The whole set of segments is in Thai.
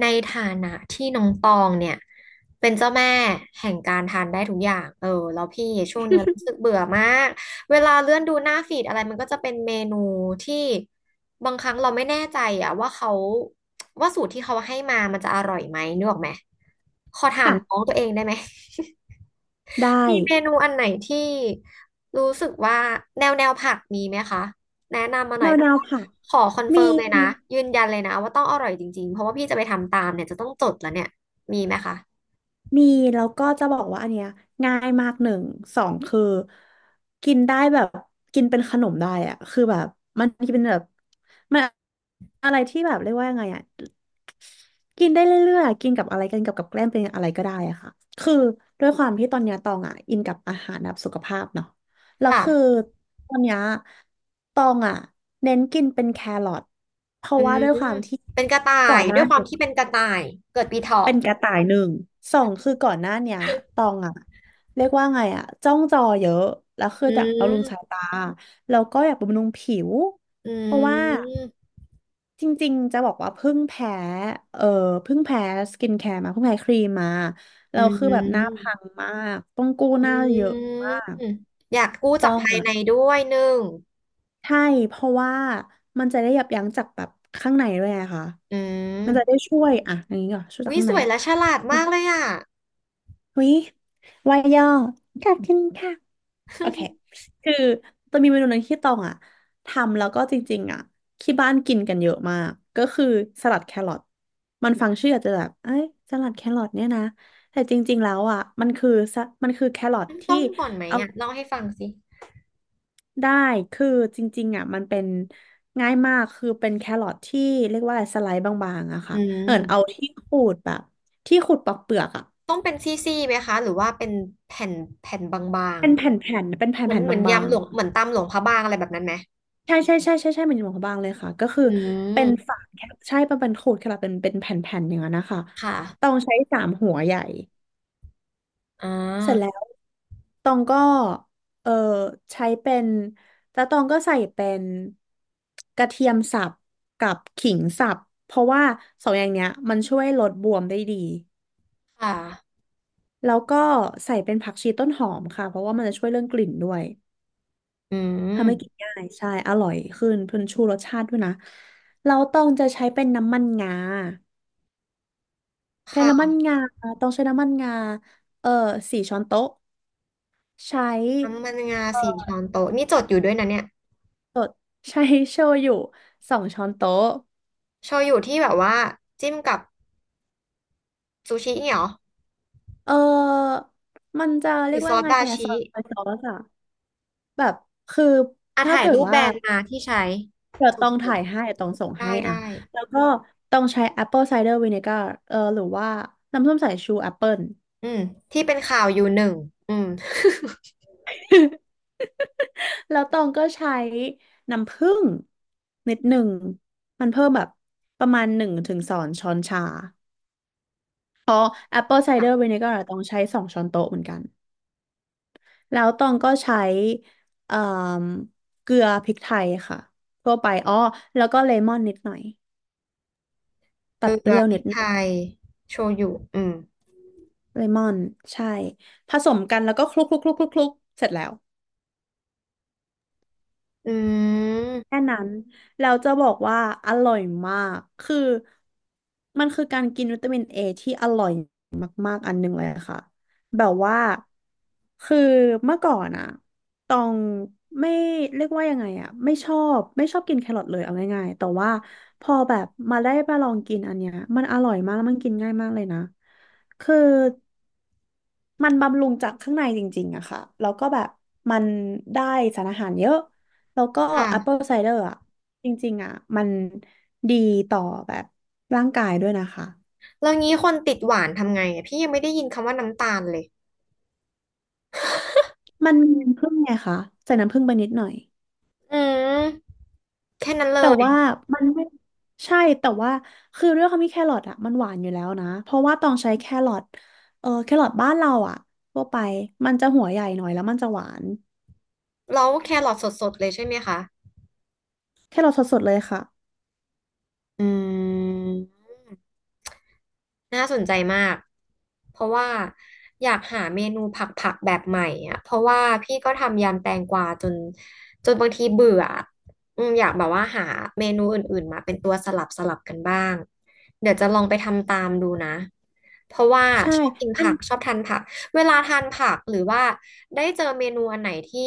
ในฐานะที่น้องตองเนี่ยเป็นเจ้าแม่แห่งการทานได้ทุกอย่างแล้วพี่ช่วงเนี้ยรู้สึกเบื่อมากเวลาเลื่อนดูหน้าฟีดอะไรมันก็จะเป็นเมนูที่บางครั้งเราไม่แน่ใจอะว่าเขาว่าสูตรที่เขาให้มามันจะอร่อยไหมนึกออกไหมขอถามค่ะน้องตัวเองได้ไหม ได้มีเมนูอันไหนที่รู้สึกว่าแนวผักมีไหมคะแนะนำมาหน่แนอยวแนวผักขอคอนมีเฟิร์มเลยนะยืนยันเลยนะว่าต้องอร่อยจริงๆเพราะว่าพี่จะไปทำตามเนี่ยจะต้องจดแล้วเนี่ยมีไหมคะมีแล้วก็จะบอกว่าอันเนี้ยง่ายมากหนึ่งสองคือกินได้แบบกินเป็นขนมได้อะคือแบบมันเป็นแบบมันอะไรที่แบบเรียกว่ายังไงอะกินได้เรื่อยๆอะกินกับอะไรกินกับกับแกล้มเป็นอะไรก็ได้อะค่ะคือด้วยความที่ตอนเนี้ยตองอะอินกับอาหารแบบสุขภาพเนาะแล้วค่ะคือตอนเนี้ยตองอะเน้นกินเป็นแครอทเพอืราะว่าด้วยคมวามที่เป็นกระต่าก่อยนหด้น้า วยความที่เป็นกระต่ายเกิดปีเถาะเป็นกระต่ายหนึ่งสองคือก่อนหน้าเนี้ยตองอะเรียกว่าไงอะจ้องจอเยอะแล้วคืออือยากบำรุมงสายตาแล้วก็อยากบำรุงผิวอืเพราะว่ามจริงๆจะบอกว่าเพิ่งแพ้เออเพิ่งแพ้สกินแคร์มาเพิ่งแพ้ครีมมาอืเราคือแบบหน้ามพังมากต้องกู้หอน้าเยอะืมมากอยากกู้จาต้อกงภายอะในด้วยหนึ่งใช่เพราะว่ามันจะได้ยับยั้งจากแบบข้างในด้วยไงคะอืมันจะได้มช่วยอะอย่างนี้ก่อนช่วยจากวิข้างสใน วยและฉลาดมากเลยอ่ะ วิว่ายย่อขอบคุณค่ะโอเค คือจะมีเมนูหนึ่งที่ตองอ่ะทำแล้วก็จริงๆอ่ะที่บ้านกินกันเยอะมากก็คือสลัดแครอทมันฟังชื่ออาจจะแบบเอ้ยสลัดแครอทเนี่ยนะแต่จริงๆแล้วอ่ะมันคือแครอทที่ต้มก่อนไหมเอาอ่ะเล่าให้ฟังสิได้คือจริงๆอ่ะมันเป็นง่ายมากคือเป็นแครอทที่เรียกว่าอะไรสไลด์บางๆอะอืค่ะเอามที่ขูดแบบที่ขูดปอกเปลือกอ่ะต้มเป็นซี่ๆไหมคะหรือว่าเป็นแผ่นแผ่นบางเป็นแผ่นๆเป็นๆเหมือนแผ่นๆเหบมือนายำงหลวๆ งเหมือนตำหลวงพระบางอะไรแบบนั้นไหมใช่ใช่ใช่ใช่ใช่เป็นหมวกบางเลยค่ะก็คืออืเป็นมฝาแคปใช่เป็นขูดแคปเป็นแผ่นๆอย่างนั้นนะคะคตอ่ะงใช้3 หัวใหญ่อ่เสร็จแล้าวตองก็เออใช้เป็นแล้วตองก็ใส่เป็นกระเทียมสับกับขิงสับเพราะว่าสองอย่างเนี้ยมันช่วยลดบวมได้ดีค่ะแล้วก็ใส่เป็นผักชีต้นหอมค่ะเพราะว่ามันจะช่วยเรื่องกลิ่นด้วย อืทำให้กิมนง่ายใช่อร่อยขึ้นเพิ่นชูรสชาติด้วยนะเราต้องจะใช้เป็นน้ำมันงาแทนน้ำมันค่ะงาต้องใช้น้ำมันงาเออ4 ช้อนโต๊ะใช้ น้ำมันงา4 ช้อนโต๊ะนี่จดอยู่ด้วยนะเนี่ย ใช้โชยุ2 ช้อนโต๊ะโชยุที่แบบว่าจิ้มกับซูชิเนี่ยเหรอเออมันจะหเรีรืยอกซว่าอสไงดาอะซชิอยซอสอะแบบคืออ่ะถ้าถ่ายเกิดรูปแบว่ารนด์มาที่ใช้เดี๋ยจวต้องถ่าดยให้เดี๋ยวต้องส่งๆได้ให้ได้อะแล้วก็ต้องใช้ Apple Cider Vinegar หรือว่าน้ำส้มสายชูแอปเปิล อืมที่เป็นข่าวอยู่หนึ่งอืม แล้วตองก็ใช้น้ำผึ้งนิดหนึ่งมันเพิ่มแบบประมาณ1 ถึง 2 ช้อนชา Apple ค่ะ Cider Vinegar อะต้องใช้2 ช้อนโต๊ะเหมือนกันแล้วตองก็ใช้เอ่มเกลือพริกไทยค่ะทั่วไปอ้อแล้วก็เลมอนนิดหน่อยเกตัลืดเปอรี้ยวพนิริดกหน่อไทยยโชยุอืม เลมอนใช่ผสมกันแล้วก็คลุกคลุกคลุกคลุกคลุกเสร็จแล้วอืแค่ม นั้นเราจะบอกว่าอร่อยมากคือมันคือการกินวิตามินเอที่อร่อย อันหนึ่งเลยค่ะแบบว่าคือเมื่อก่อนอะตองไม่เรียกว่ายังไงอะไม่ชอบกินแครอทเลยเอาง่ายๆแต่ว่าพอแบบมาได้มาลองกินอันเนี้ยมันอร่อยมากแล้วมันกินง่ายมากเลยนะคือมันบำรุงจากข้างในจริงๆอะค่ะแล้วก็แบบมันได้สารอาหารเยอะแล้วก็ค่ะแอปเปิลไซเดอร์อะจริงๆอะมันดีต่อแบบร่างกายด้วยนะคะแล้วงี้คนติดหวานทำไงอะพี่ยังไม่ได้ยินคำว่าน้ำตาลเลย มันมีน้ำผึ้งไงคะใส่น้ำผึ้งไปนิดหน่อย อืม แค่นั้นเลแต่ย ว่ามันไม่ใช่แต่ว่าคือด้วยความที่แครอทอ่ะมันหวานอยู่แล้วนะเพราะว่าต้องใช้แครอทแครอทบ้านเราอ่ะทั่วไปมันจะหัวใหญ่หน่อยแล้วมันจะหวานแล้วแครอทสดๆเลยใช่ไหมคะ แครอทสดๆเลยค่ะอืม น่าสนใจมาก เพราะว่าอยากหาเมนูผักผักแบบใหม่อ่ะเพราะว่าพี่ก็ทำยำแตงกวาจนจนบางทีเบื่ออะอืมอยากแบบว่าหาเมนูอื่นๆมาเป็นตัวสลับกันบ้างเดี๋ยวจะลองไปทำตามดูนะเพราะว่าใช่ชอบกินอัผันกชอบทานผักเวลาทานผักหรือว่าได้เจอเมนูอันไหนที่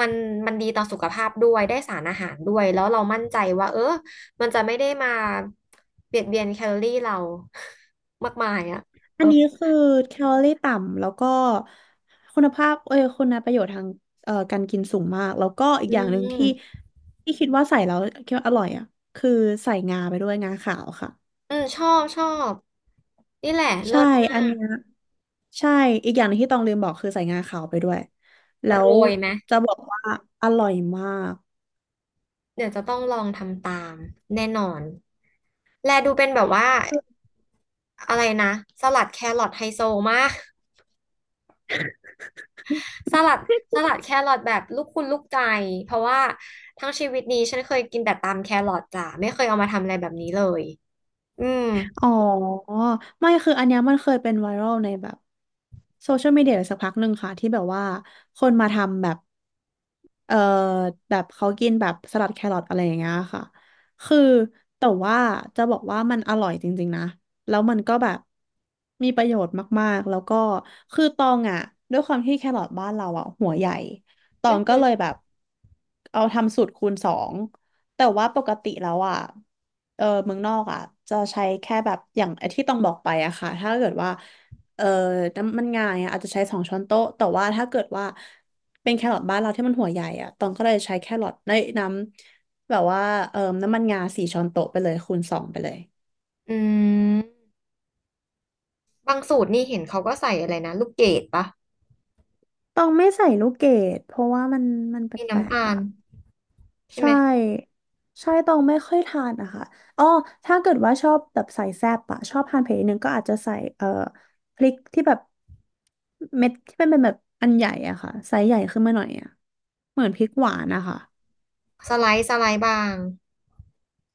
มันมันดีต่อสุขภาพด้วยได้สารอาหารด้วยแล้วเรามั่นใจว่าเออ มันจะไม่ได้มาเบียดเบียนแคลอรี่เรา มากมายอ่ะเออันอนี้คือแคลอรี่ต่ำแล้วก็คุณภาพเอ้ยคุณประโยชน์ทางการกินสูงมากแล้วก็อีกอือย่างหนึ่งที่มที่คิดว่าใส่แล้วคิดว่าอร่อยอ่ะคือใส่งาไปด้วยงาขาวค่ะ อืมชอบชอบนี่แหละเลิใช่ ศมาอันกเนี้ยใช่ อีกอย่างหนึงที่ต้องลืมบอกคือใส่งาขาวไปด้วย แล้โรวยไหมจะบอกว่าอร่อยมาก เดี๋ยวจะต้องลองทำตามแน่นอน แลดูเป็นแบบว่าอะไรนะสลัดแครอทไฮโซมากสลัดแครอทแบบลูกคุณลูกใจเพราะว่าทั้งชีวิตนี้ฉันเคยกินแต่ตามแครอทจ้ะไม่เคยเอามาทำอะไรแบบนี้เลยอืมอ๋อ ไม่ คืออันเนี้ยมันเคยเป็นไวรัลในแบบ โซเชียลมีเดียสักพักหนึ่งค่ะที่แบบว่าคนมาทำแบบเอ่อแบบเขากินแบบสลัดแครอทอะไรอย่างเงี้ยค่ะคือแต่ว่าจะบอกว่ามันอร่อยจริงๆนะแล้วมันก็แบบมีประโยชน์มากๆแล้วก็คือตองอ่ะด้วยความที่แครอทบ้านเราอ่ะหัวใหญ่ตออืงก็มเลยแบบเอาทำสูตรคูณสองแต่ว่าปกติแล้วอ่ะเออเมืองนอกอ่ะจะใช้แค่แบบอย่างไอ้ที่ต้องบอกไปอะค่ะถ้าเกิดว่า เอ่อน้ำมันงาย่ะอาจจะใช้2 ช้อนโต๊ะแต่ว่าถ้าเกิดว่าเป็นแครอทบ้านเราที่มันหัวใหญ่อะตองก็เลยใช้แครอทในน้ำแบบว่าน้ำมันงา4 ช้อนโต๊ะไปเลยคูณสองไปเลยอืม บางสูตรนี่เห็นเขาก็ใส่อะไรนะลูกเกดปะตองไม่ใส่ลูกเกดเพราะว่ามันแปมีลน้ำกตาๆอ่ะลใช่ไหใช่มใช่ตองไม่ค่อยทานอะค่ะอ๋อถ้าเกิดว่าชอบแบบใส่แซ่บอะชอบทานเผ็ดนิดนึงก็อาจจะใส่พริกที่แบบเม็ดที่เป็นแบบอันใหญ่อะค่ะไซส์ใหญ่ขึ้นมาหน่อยอะเหมือนพริกหวานนะคะ สไลด์บาง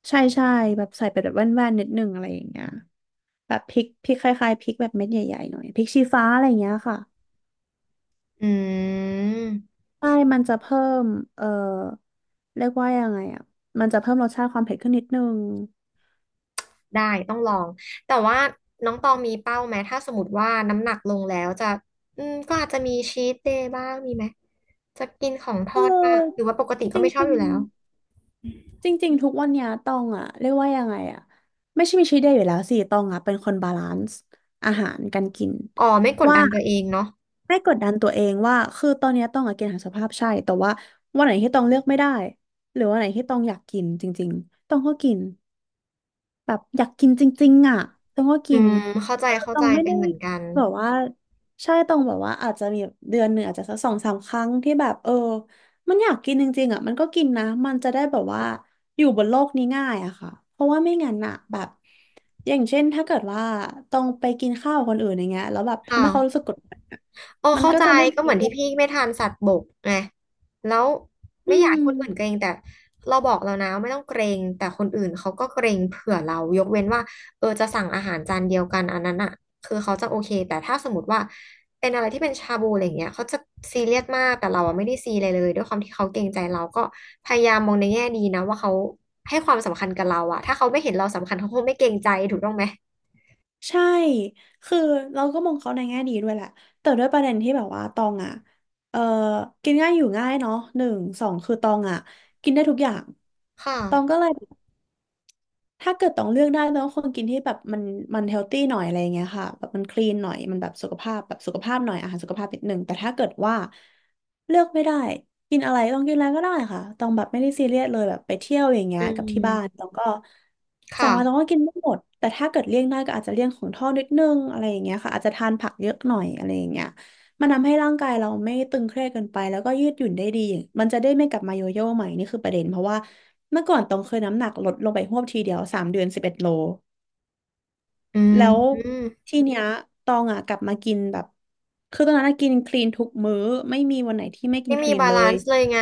ใช่ใช่แบบใส่ไปแบบแว่นๆนิดนึงอะไรอย่างเงี้ยแบบพริกคล้ายๆพริกแบบเม็ดใหญ่ๆหน่อยพริกชี้ฟ้าอะไรอย่างเงี้ยค่ะอืมใช่มันจะเพิ่มเอ่อเรียกว่ายังไงอ่ะมันจะเพิ่มรสชาติความเผ็ดขึ้นนิดนึงได้ต้องลองแต่ว่าน้องตองมีเป้าไหมถ้าสมมติว่าน้ำหนักลงแล้วจะอืมก็อาจจะมีชีทเดย์บ้างมีไหมจะกินของทเอดบ้างหรือออว่าปกติจก็ไม่ชอบริอง ยู่แล้วจริงๆทุกวันเนี้ยตองอะเรียกว่ายังไงอะไม่ใช่มีชีวิตเดียวอยู่แล้วสิตองอะเป็นคนบาลานซ์อาหารการกินอ๋อไม่กดว่าดันตัวเองเนาะไม่กดดันตัวเองว่าคือตอนเนี้ยตองอะกินอาหารสุขภาพใช่แต่ว่าวันไหนที่ตองเลือกไม่ได้หรือวันไหนที่ตองอยากกินจริงๆตองก็กิน แบบอยากกินจริงๆอ่ะต้องก็อืกินมเข้าใจเข้าต้อใจงไม่เป็นได้เหมือนกันแบบว่าใช่ต้องแบบว่าอาจจะมีแบบเดือนหนึ่งอาจจะสักสองสามครั้งที่แบบเออมันอยากกินจริงๆอ่ะมันก็กินนะมันจะได้แบบว่าอยู่บนโลกนี้ง่ายอะค่ะเพราะว่าไม่งั้นอะแบบอย่างเช่นถ้าเกิดว่าต้องไปกินข้าวกับคนอื่นอย่างเงี้ยแล้วแบบทำค่ะ ให้เขารู้สึกกดดันอะเออมันเข้าก็ใจจะไม่ก็ดีเหมือนด้วที่ยพี่ไม่ทานสัตว์บกไงแล้วอืไม่อยากให้ม คนอื่นเกรงแต่เราบอกเรานะว่าไม่ต้องเกรงแต่คนอื่นเขาก็เกรงเผื่อเรายกเว้นว่าเออจะสั่งอาหารจานเดียวกันอันนั้นอ่ะคือเขาจะโอเคแต่ถ้าสมมติว่าเป็นอะไรที่เป็นชาบูอะไรอย่างเงี้ยเขาจะซีเรียสมากแต่เราอ่ะไม่ได้ซีเลยเลยด้วยความที่เขาเกรงใจเราก็พยายามมองในแง่ดีนะว่าเขาให้ความสำคัญกับเราอ่ะถ้าเขาไม่เห็นเราสำคัญเขาคงไม่เกรงใจถูกต้องไหมใช่ คือเราก็มองเขาในแง่ดีด้วยแหละ แต่ด้วยประเด็นที่แบบว่าตองอ่ะเออกินง่ายอยู่ง่ายเนาะหนึ่งสองคือตองอ่ะกินได้ทุกอย่าง ค่ะตองก็เลย ถ้าเกิดต้องเลือกได้ต้องคนกินที่แบบมันเฮลตี้หน่อยอะไรอย่างเงี้ยค่ะแบบมันคลีนหน่อยมันแบบสุขภาพแบบสุขภาพหน่อยอาหารสุขภาพนิดหนึ่งแต่ถ้าเกิดว่าเลือกไม่ได้กินอะไรต้องกินอะไรก็ได้ค่ะต้องแบบไม่ได้ซีเรียสเลยแบบไปเที่ยวอย่างเงี้ยอืกับที่บ้านมต้องก็สั่ค่ะงอะไรต้องก็กินไม่หมดแต่ถ้าเกิดเลี่ยงได้ก็อาจจะเลี่ยงของทอดนิดนึงอะไรอย่างเงี้ยค่ะอาจจะทานผักเยอะหน่อยอะไรอย่างเงี้ยมันทำให้ร่างกายเราไม่ตึงเครียดเกินไปแล้วก็ยืดหยุ่นได้ดีมันจะได้ไม่กลับมาโยโย่ใหม่นี่คือประเด็นเพราะว่า เมื่อก่อนต้องเคยน้ำหนักลดลงไปหวบทีเดียว3 เดือน 11 โล อืแล้วม ทีเนี้ยตองอ่ะกลับมากินแบบคือตอนนั้นอะกินคลีนทุกมื้อไม่มีวันไหนที่ไม่กิไม่นคมีลีนบาเลลานยซ์เลยไง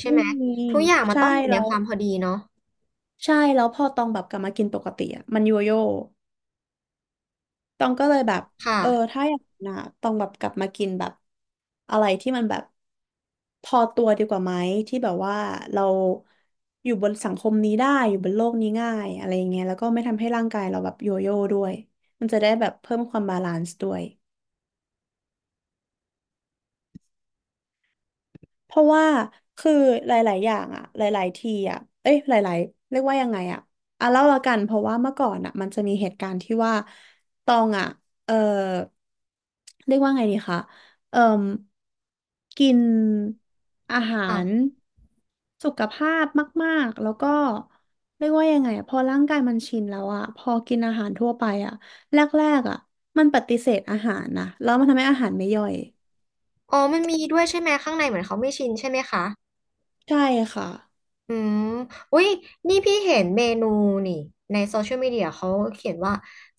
ใช่ไม่ไหมมีทุกอย่างมันใช่ต้องอยู่ในแล้คววามพอดีเนาะใช่แล้วพอตองแบบกลับมากินปกติอ่ะมันโยโย่ ตองก็เลยแบบค่ะเออถ้าอย่างนั้นนะตองแบบกลับมากินแบบอะไรที่มันแบบพอตัวดีกว่าไหมที่แบบว่าเราอยู่บนสังคมนี้ได้อยู่บนโลกนี้ง่ายอะไรอย่างเงี้ยแล้วก็ไม่ทำให้ร่างกายเราแบบโยโย่ด้วยมันจะได้แบบเพิ่มความบาลานซ์ด้วย เพราะว่าคือหลายๆอย่างอะหลายๆทีอะเอ้ยหลายๆเรียกว่ายังไงอะอ่ะเล่าละกันเพราะว่าเมื่อก่อนอะมันจะมีเหตุการณ์ที่ว่าตองอะเออเรียกว่าไงดีคะเอ่มกินอาหารค่ะสุขภาพมากๆ แล้วก็เรียกว่ายังไงอะพอร่างกายมันชินแล้วอะพอกินอาหารทั่วไปอะแรกๆอะมันปฏิเสธอาหารนะแล้วมันทำให้อาหารไม่ย่อยอ๋อมันมีด้วยใช่ไหมข้างในเหมือนเขาไม่ชินใช่ไหมคะใช่ค่ะอืมอุ้ยนี่พี่เห็นเมนูนี่ในโซเชียลมีเดียเขาเขียนว่า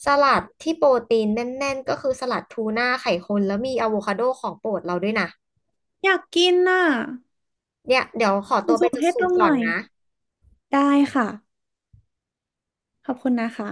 สลัดที่โปรตีนแน่นๆก็คือสลัดทูน่าไข่คนแล้วมีอะโวคาโดของโปรดเราด้วยนะอยากกินน่ะ เนี่ยเดี๋ยวขอคุตัณวไปสุจดเทพสูลตรงหก่อน่นอยนะได้ค่ะขอบคุณนะคะ